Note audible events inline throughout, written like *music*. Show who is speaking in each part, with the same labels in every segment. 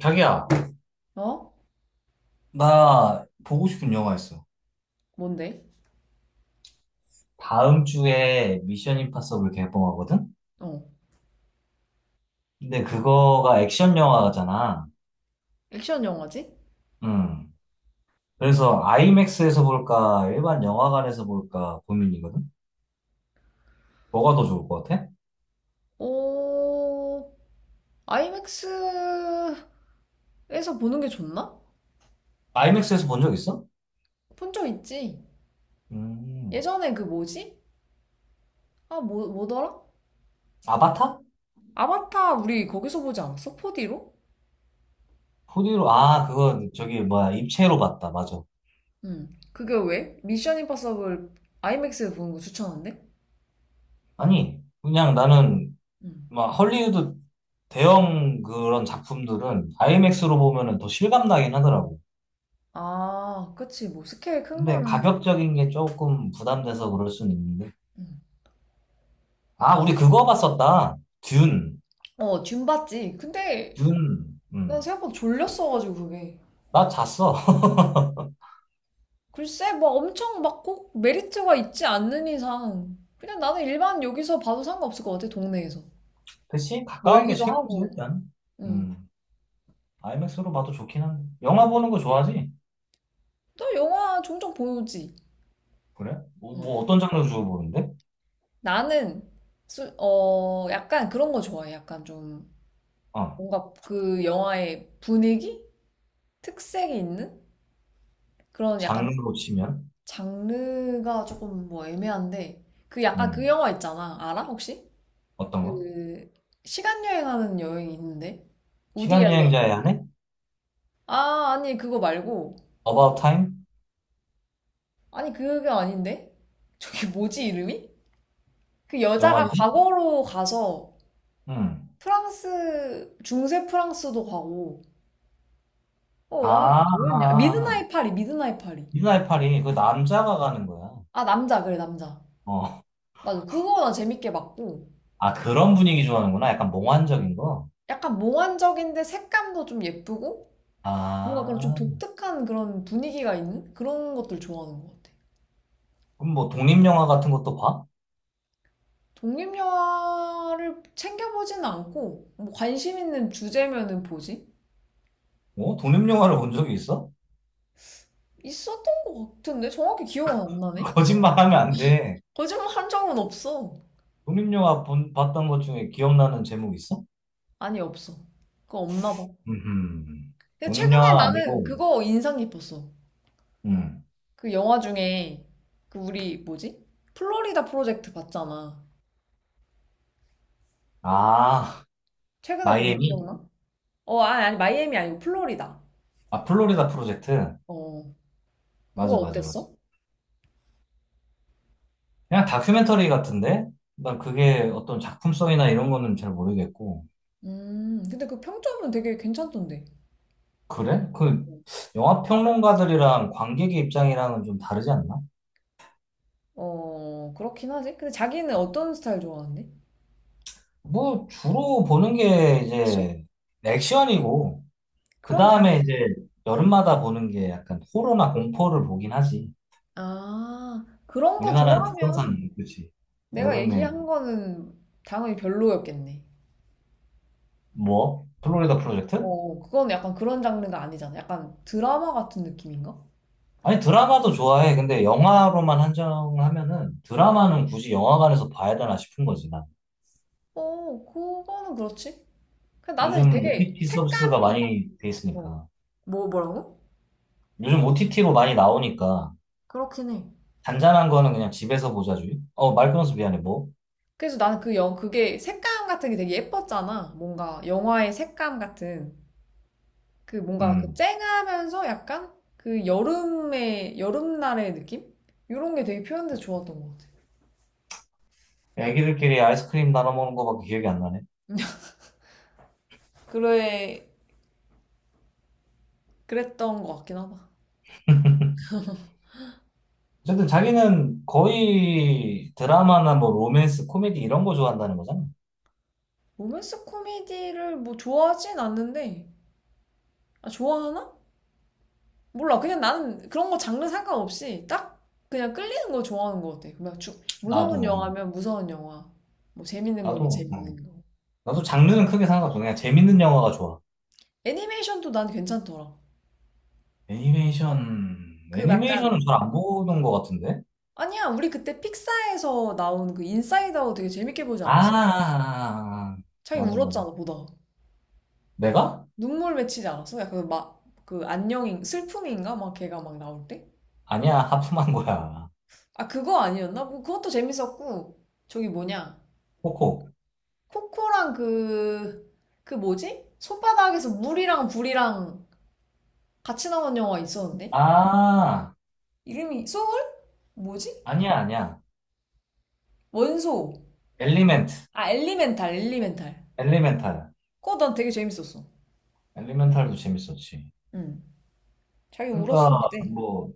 Speaker 1: 자기야,
Speaker 2: 어?
Speaker 1: 나 보고 싶은 영화 있어.
Speaker 2: 뭔데?
Speaker 1: 다음 주에 미션 임파서블 개봉하거든?
Speaker 2: 어.
Speaker 1: 근데 그거가 액션 영화잖아.
Speaker 2: 액션 영화지?
Speaker 1: 음. 그래서 아이맥스에서 볼까, 일반 영화관에서 볼까 고민이거든? 뭐가 더 좋을 것 같아?
Speaker 2: 어, 아이맥스에서 보는 게 좋나?
Speaker 1: 아이맥스에서 본 적 있어?
Speaker 2: 본 적 있지?
Speaker 1: 음.
Speaker 2: 예전에 그 뭐지? 아, 뭐더라?
Speaker 1: 아바타?
Speaker 2: 아바타 우리 거기서 보지 않았어? 4D로?
Speaker 1: 포디로 아, 그거 저기 뭐야, 입체로 봤다. 맞아.
Speaker 2: 응. 그게 왜? 미션 임파서블 아이맥스에서 보는 거 추천한대?
Speaker 1: 아니, 그냥 나는
Speaker 2: 응.
Speaker 1: 막 헐리우드 대형 그런 작품들은 아이맥스로 보면은 더 실감 나긴 하더라고.
Speaker 2: 아, 그치. 뭐 스케일 큰
Speaker 1: 근데
Speaker 2: 거는.
Speaker 1: 가격적인 게 조금 부담돼서 그럴 수는 있는데.
Speaker 2: 응.
Speaker 1: 아, 우리 그거 봤었다. 듄.
Speaker 2: 어, 듄 봤지. 근데
Speaker 1: 듄.
Speaker 2: 난
Speaker 1: 음.
Speaker 2: 생각보다 졸렸어가지고 그게.
Speaker 1: 나 잤어.
Speaker 2: 글쎄, 뭐 엄청 막 꼭 메리트가 있지 않는 이상, 그냥 나는 일반 여기서 봐도 상관없을 것 같아, 동네에서.
Speaker 1: *laughs* 그치? 가까운 게
Speaker 2: 멀기도
Speaker 1: 최고지,
Speaker 2: 하고.
Speaker 1: 일단.
Speaker 2: 응.
Speaker 1: 음. 아이맥스로 봐도 좋긴 한데. 영화 보는 거 좋아하지?
Speaker 2: 또 영화 종종 보지.
Speaker 1: 그래? 뭐,
Speaker 2: 응.
Speaker 1: 뭐 어떤 장르 주로 보는데?
Speaker 2: 나는, 어, 약간 그런 거 좋아해. 약간 좀,
Speaker 1: 어.
Speaker 2: 뭔가 그 영화의 분위기? 특색이 있는? 그런 약간
Speaker 1: 장르로 치면?
Speaker 2: 장르가 조금 뭐 애매한데, 그 약간 그
Speaker 1: 음.
Speaker 2: 영화 있잖아. 알아, 혹시?
Speaker 1: 어떤 거?
Speaker 2: 그, 시간 여행하는 여행이 있는데? 우디 앨런.
Speaker 1: 시간여행자의 한 해?
Speaker 2: 아, 아니, 그거 말고.
Speaker 1: About Time?
Speaker 2: 아니, 그게 아닌데? 저게 뭐지, 이름이? 그
Speaker 1: 영화
Speaker 2: 여자가
Speaker 1: 이름?
Speaker 2: 과거로 가서
Speaker 1: 음.
Speaker 2: 프랑스, 중세 프랑스도 가고. 어, 아니,
Speaker 1: 아,
Speaker 2: 그
Speaker 1: 아,
Speaker 2: 뭐였냐?
Speaker 1: 아.
Speaker 2: 미드나잇 파리, 미드나잇 파리.
Speaker 1: 미드나잇 파리. 그 남자가 가는 거야.
Speaker 2: 아, 남자, 그래, 남자.
Speaker 1: 어.
Speaker 2: 맞아. 그거 나 재밌게 봤고.
Speaker 1: 아, 그런 분위기 좋아하는구나. 약간 몽환적인 거.
Speaker 2: 약간 몽환적인데 색감도 좀 예쁘고. 뭔가 그런 좀
Speaker 1: 아,
Speaker 2: 독특한 그런 분위기가 있는 그런 것들 좋아하는 것 같아.
Speaker 1: 그럼 뭐 독립영화 같은 것도 봐?
Speaker 2: 독립영화를 챙겨보지는 않고, 뭐 관심 있는 주제면은 보지?
Speaker 1: 뭐? 독립영화를 본 적이 있어?
Speaker 2: 있었던 것 같은데 정확히 기억은 안
Speaker 1: *laughs*
Speaker 2: 나네.
Speaker 1: 거짓말하면 안 돼.
Speaker 2: 거짓말 한 적은 없어.
Speaker 1: 독립영화 봤던 것 중에 기억나는 제목 있어?
Speaker 2: 아니 없어. 그거 없나 봐.
Speaker 1: 음,
Speaker 2: 근데 최근에
Speaker 1: 독립영화가
Speaker 2: 나는
Speaker 1: 아니고,
Speaker 2: 그거 인상 깊었어.
Speaker 1: 음.
Speaker 2: 그 영화 중에 그 우리 뭐지? 플로리다 프로젝트 봤잖아.
Speaker 1: 아,
Speaker 2: 최근에 본 거
Speaker 1: 마이애미?
Speaker 2: 기억나? 어, 아, 아니 마이애미 아니고 플로리다.
Speaker 1: 아, 플로리다 프로젝트?
Speaker 2: 어. 그거
Speaker 1: 맞아, 맞아, 맞아.
Speaker 2: 어땠어?
Speaker 1: 그냥 다큐멘터리 같은데? 난 그게 어떤 작품성이나 이런 거는 잘 모르겠고.
Speaker 2: 음, 근데 그 평점은 되게 괜찮던데.
Speaker 1: 그래? 그, 영화 평론가들이랑 관객의 입장이랑은 좀 다르지 않나?
Speaker 2: 어, 그렇긴 하지. 근데 자기는 어떤 스타일 좋아하는데?
Speaker 1: 뭐 주로 보는 게
Speaker 2: 액션?
Speaker 1: 이제 액션이고 그
Speaker 2: 그럼 당...
Speaker 1: 다음에 이제 여름마다 보는 게 약간 호러나 공포를 보긴 하지.
Speaker 2: 아, 그런 거
Speaker 1: 우리나라
Speaker 2: 좋아하면
Speaker 1: 특성상 그렇지.
Speaker 2: 내가
Speaker 1: 여름에
Speaker 2: 얘기한 거는 당연히 별로였겠네.
Speaker 1: 뭐? 플로리다 프로젝트?
Speaker 2: 어, 그건 약간 그런 장르가 아니잖아. 약간 드라마 같은 느낌인가?
Speaker 1: 아니 드라마도 좋아해. 근데 영화로만 한정하면은
Speaker 2: 응.
Speaker 1: 드라마는 굳이 영화관에서 봐야 되나 싶은 거지 난.
Speaker 2: 어, 그거는 그렇지. 근데 나는
Speaker 1: 요즘
Speaker 2: 되게
Speaker 1: OTT 서비스가
Speaker 2: 색감이,
Speaker 1: 많이 돼
Speaker 2: 어,
Speaker 1: 있으니까.
Speaker 2: 뭐라고?
Speaker 1: 요즘 OTT로 많이 나오니까
Speaker 2: 그렇긴 해.
Speaker 1: 잔잔한 거는 그냥 집에서 보자 주의. 어말 끊어서 미안해 뭐.
Speaker 2: 그래서 나는 그게 색감 같은 게 되게 예뻤잖아. 뭔가 영화의 색감 같은. 그 뭔가 그
Speaker 1: 음.
Speaker 2: 쨍하면서 약간 그 여름날의 느낌? 이런 게 되게 표현돼서 좋았던 것 같아.
Speaker 1: 애기들끼리 아이스크림 나눠 먹는 거밖에 기억이 안 나네.
Speaker 2: 그래, 그랬던 것 같긴 하다.
Speaker 1: 어쨌든 자기는 거의 드라마나 뭐 로맨스, 코미디 이런 거 좋아한다는 거잖아.
Speaker 2: 로맨스 코미디를 뭐 좋아하진 않는데, 아, 좋아하나? 몰라. 그냥 나는 그런 거 장르 상관없이 딱 그냥 끌리는 거 좋아하는 것 같아.
Speaker 1: 나도,
Speaker 2: 무서운 영화면 무서운 영화. 뭐 재밌는 거면
Speaker 1: 나도, 어.
Speaker 2: 재밌는 거.
Speaker 1: 나도 장르는 크게 상관 없어. 그냥 재밌는 영화가 좋아.
Speaker 2: 애니메이션도 난 괜찮더라.
Speaker 1: 애니메이션,
Speaker 2: 그
Speaker 1: 애니메이션은
Speaker 2: 약간,
Speaker 1: 잘 안 보는 것 같은데?
Speaker 2: 아니야, 우리 그때 픽사에서 나온 그 인사이드 아웃 되게 재밌게 보지
Speaker 1: 아,
Speaker 2: 않았어?
Speaker 1: 아, 아.
Speaker 2: 자기
Speaker 1: 맞아, 맞아.
Speaker 2: 울었잖아, 보다가.
Speaker 1: 내가?
Speaker 2: 눈물 맺히지 않았어? 약간 막, 그 안녕인, 슬픔인가? 막 걔가 막 나올 때?
Speaker 1: 아니야, 하품한 거야.
Speaker 2: 아, 그거 아니었나? 뭐 그것도 재밌었고, 저기 뭐냐.
Speaker 1: 코코.
Speaker 2: 코코랑 그, 그 뭐지? 손바닥에서 물이랑 불이랑 같이 나온 영화 있었는데?
Speaker 1: 아,
Speaker 2: 이름이, 소울? 뭐지?
Speaker 1: 아니야, 아니야.
Speaker 2: 원소.
Speaker 1: 엘리멘트,
Speaker 2: 아, 엘리멘탈.
Speaker 1: 엘리멘탈.
Speaker 2: 그거 난 되게 재밌었어.
Speaker 1: 엘리멘탈도 재밌었지.
Speaker 2: 응. 자기 울었어,
Speaker 1: 그러니까
Speaker 2: 그때.
Speaker 1: 뭐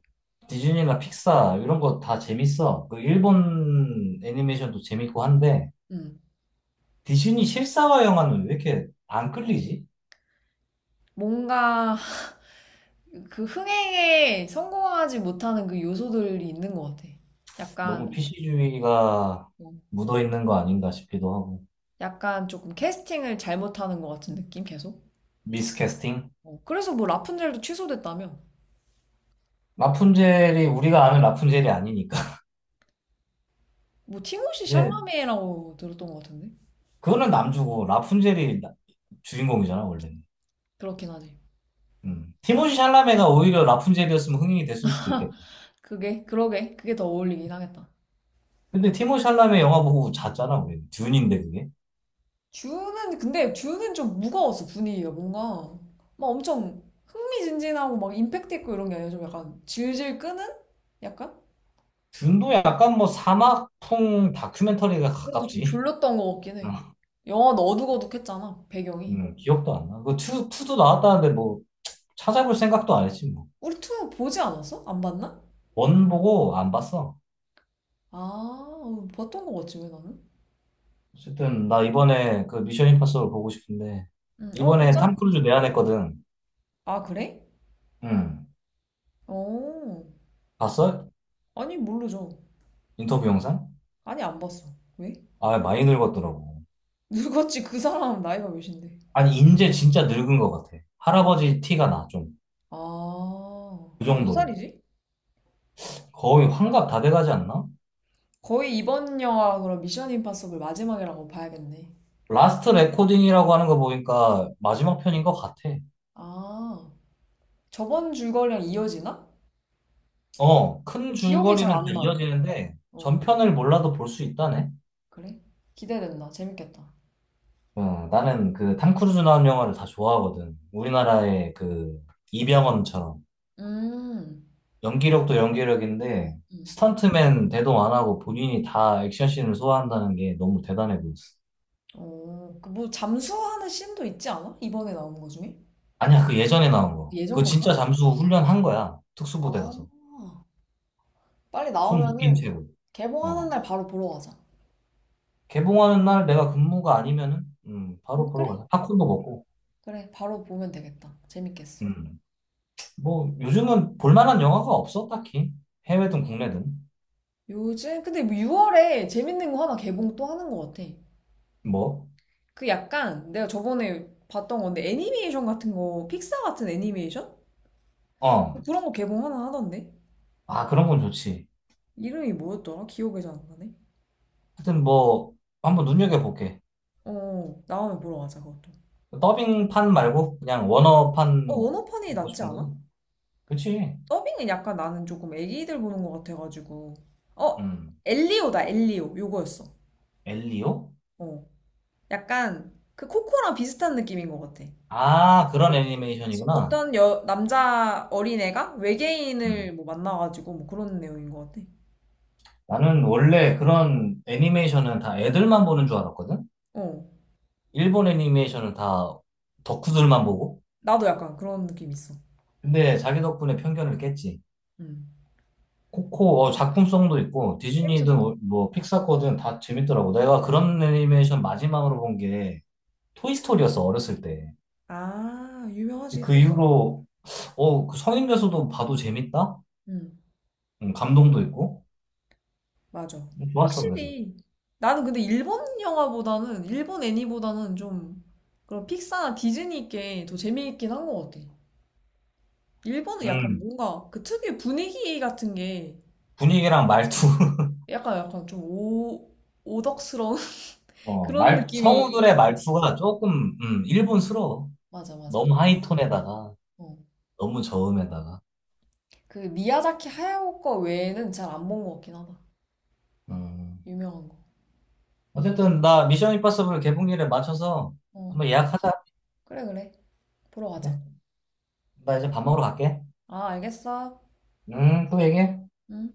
Speaker 1: 디즈니나 픽사 이런 거 다 재밌어. 그 일본 애니메이션도 재밌고 한데
Speaker 2: 응.
Speaker 1: 디즈니 실사화 영화는 왜 이렇게 안 끌리지?
Speaker 2: 뭔가 그 흥행에 성공하지 못하는 그 요소들이 있는 것 같아.
Speaker 1: 너무
Speaker 2: 약간,
Speaker 1: PC주의가
Speaker 2: 어,
Speaker 1: 묻어 있는 거 아닌가 싶기도 하고.
Speaker 2: 약간 조금 캐스팅을 잘못하는 것 같은 느낌, 계속.
Speaker 1: 미스캐스팅?
Speaker 2: 어, 그래서 뭐 라푼젤도 취소됐다며.
Speaker 1: 라푼젤이 우리가 아는 라푼젤이 아니니까.
Speaker 2: 뭐
Speaker 1: *laughs*
Speaker 2: 티모시
Speaker 1: 이제
Speaker 2: 샬라메라고 들었던 것 같은데.
Speaker 1: 그거는 주인공이잖아 원래는.
Speaker 2: 그렇긴 하지.
Speaker 1: 음. 티모시 샬라메가 오히려 라푼젤이었으면 흥행이 됐을 수도 있겠다.
Speaker 2: 그게, 그러게. 그게 더 어울리긴 하겠다.
Speaker 1: 근데 티모시 샬라메 영화 보고 잤잖아 우리. 듄인데 그게.
Speaker 2: 주는 좀 무거웠어 분위기가. 뭔가 막 엄청 흥미진진하고 막 임팩트 있고 이런 게 아니라 좀 약간 질질 끄는 약간.
Speaker 1: 듄도 약간 뭐 사막풍 다큐멘터리가
Speaker 2: 그래서 좀
Speaker 1: 가깝지.
Speaker 2: 졸렸던 것 같긴
Speaker 1: 음,
Speaker 2: 해. 영화는 어둑어둑했잖아 배경이.
Speaker 1: 기억도 안 나. 그 투도 나왔다는데 뭐 찾아볼 생각도 안 했지 뭐.
Speaker 2: 우리 투 보지 않았어? 안 봤나?
Speaker 1: 원 보고 안 봤어.
Speaker 2: 아, 어, 봤던 것 같지 왜 나는?
Speaker 1: 어쨌든 나 이번에 그 미션 임파서블 보고 싶은데
Speaker 2: 응. 어,
Speaker 1: 이번에 탐
Speaker 2: 보자.
Speaker 1: 크루즈 내한했거든.
Speaker 2: 아, 그래?
Speaker 1: 응.
Speaker 2: 어,
Speaker 1: 봤어?
Speaker 2: 아니 모르죠.
Speaker 1: 인터뷰 영상?
Speaker 2: 아니 안 봤어. 왜?
Speaker 1: 아, 많이 늙었더라고.
Speaker 2: 늙었지. 그 사람 나이가 몇인데.
Speaker 1: 아니, 인제 진짜 늙은 것 같아. 할아버지 티가 나, 좀.
Speaker 2: 아,
Speaker 1: 그
Speaker 2: 몇
Speaker 1: 정도로.
Speaker 2: 살이지?
Speaker 1: 거의 환갑 다 돼가지 않나?
Speaker 2: 거의 이번 영화 그럼 미션 임파서블 마지막이라고 봐야겠네.
Speaker 1: 라스트 레코딩이라고 하는 거 보니까 마지막 편인 것 같아.
Speaker 2: 아, 저번 줄거리랑 이어지나?
Speaker 1: 어, 큰
Speaker 2: 근데 기억이 잘
Speaker 1: 줄거리는 다
Speaker 2: 안 나.
Speaker 1: 이어지는데
Speaker 2: 어,
Speaker 1: 전편을 몰라도 볼 수 있다네.
Speaker 2: 그래? 기대된다. 재밌겠다.
Speaker 1: 어, 나는 그 탐 크루즈 나온 영화를 다 좋아하거든. 우리나라의 그 이병헌처럼
Speaker 2: 음,
Speaker 1: 연기력도 연기력인데
Speaker 2: 음.
Speaker 1: 스턴트맨 대동 안 하고 본인이 다 액션씬을 소화한다는 게 너무 대단해 보였어.
Speaker 2: 어, 그 뭐 잠수하는 씬도 있지 않아? 이번에 나온 거 중에?
Speaker 1: 아니야, 그 예전에 나온 거.
Speaker 2: 예전
Speaker 1: 그거 진짜
Speaker 2: 건가?
Speaker 1: 잠수 훈련한 거야.
Speaker 2: 아,
Speaker 1: 특수부대 가서.
Speaker 2: 빨리
Speaker 1: 손 묶인
Speaker 2: 나오면은
Speaker 1: 채로.
Speaker 2: 개봉하는
Speaker 1: 어.
Speaker 2: 날 바로 보러 가자.
Speaker 1: 개봉하는 날 내가 근무가 아니면은
Speaker 2: 어,
Speaker 1: 바로 보러
Speaker 2: 그래?
Speaker 1: 가자. 팝콘도 먹고.
Speaker 2: 그래, 바로 보면 되겠다. 재밌겠어.
Speaker 1: 음. 뭐 요즘은 볼만한 영화가 없어 딱히 해외든 국내든.
Speaker 2: 요즘, 근데 뭐 6월에 재밌는 거 하나 개봉 또 하는 것 같아.
Speaker 1: 뭐?
Speaker 2: 그 약간 내가 저번에 봤던 건데 애니메이션 같은 거, 픽사 같은 애니메이션?
Speaker 1: 어.
Speaker 2: 그런 거 개봉 하나 하던데?
Speaker 1: 아, 그런 건 좋지.
Speaker 2: 이름이 뭐였더라? 기억이 잘 안 나네.
Speaker 1: 하여튼 뭐
Speaker 2: 어,
Speaker 1: 한번 눈여겨볼게.
Speaker 2: 어, 나오면 보러 가자, 그것도.
Speaker 1: 더빙판 말고 그냥
Speaker 2: 어,
Speaker 1: 원어판
Speaker 2: 원어판이
Speaker 1: 보고
Speaker 2: 낫지
Speaker 1: 싶은 거지.
Speaker 2: 않아?
Speaker 1: 그치.
Speaker 2: 더빙은 약간 나는 조금 애기들 보는 것 같아가지고. 어,
Speaker 1: 음.
Speaker 2: 엘리오다, 엘리오. 요거였어.
Speaker 1: 엘리오.
Speaker 2: 어, 약간 그 코코랑 비슷한 느낌인 것 같아.
Speaker 1: 아,
Speaker 2: 그
Speaker 1: 그런 애니메이션이구나.
Speaker 2: 어떤 여, 남자 어린애가 외계인을
Speaker 1: 음.
Speaker 2: 뭐 만나가지고 뭐 그런 내용인 것 같아.
Speaker 1: 나는 원래 그런 애니메이션은 다 애들만 보는 줄 알았거든.
Speaker 2: 어.
Speaker 1: 일본 애니메이션을 다 덕후들만 보고.
Speaker 2: 나도 약간 그런 느낌 있어.
Speaker 1: 근데 자기 덕분에 편견을 깼지.
Speaker 2: 음.
Speaker 1: 코코 어, 작품성도 있고 디즈니든
Speaker 2: 재밌었어.
Speaker 1: 어, 뭐 픽사거든 다 재밌더라고. 내가 그런 애니메이션 마지막으로 본 게 토이스토리였어 어렸을 때.
Speaker 2: 아, 유명하지.
Speaker 1: 그
Speaker 2: 토이스토리.
Speaker 1: 이후로 어, 그 성인 돼서도 봐도 재밌다?
Speaker 2: 음,
Speaker 1: 감동도 있고
Speaker 2: 맞아.
Speaker 1: 좋았어 그래서.
Speaker 2: 확실히. 나는 근데 일본 영화보다는, 일본 애니보다는 좀 그런 픽사나 디즈니 게 더 재미있긴 한 것 같아. 일본은 약간
Speaker 1: 음.
Speaker 2: 뭔가 그 특유의 분위기 같은 게
Speaker 1: 분위기랑 말투 *laughs*
Speaker 2: 약간 좀 오, 오덕스러운 *laughs*
Speaker 1: 어,
Speaker 2: 그런
Speaker 1: 말
Speaker 2: 느낌이
Speaker 1: 성우들의
Speaker 2: 약간 있어.
Speaker 1: 말투가 조금 일본스러워.
Speaker 2: 맞아, 맞아.
Speaker 1: 너무 하이톤에다가
Speaker 2: 어.
Speaker 1: 너무 저음에다가.
Speaker 2: 그 미야자키 하야오 거 외에는 잘 안 본 것 같긴 하다.
Speaker 1: 음.
Speaker 2: 유명한 거.
Speaker 1: 어쨌든 나 미션 임파서블 개봉일에 맞춰서
Speaker 2: 어,
Speaker 1: 한번 예약하자.
Speaker 2: 그래, 그래. 보러 가자.
Speaker 1: 그래. 나 이제 밥 먹으러 갈게.
Speaker 2: 아, 알겠어.
Speaker 1: 또 얘기해.
Speaker 2: 응.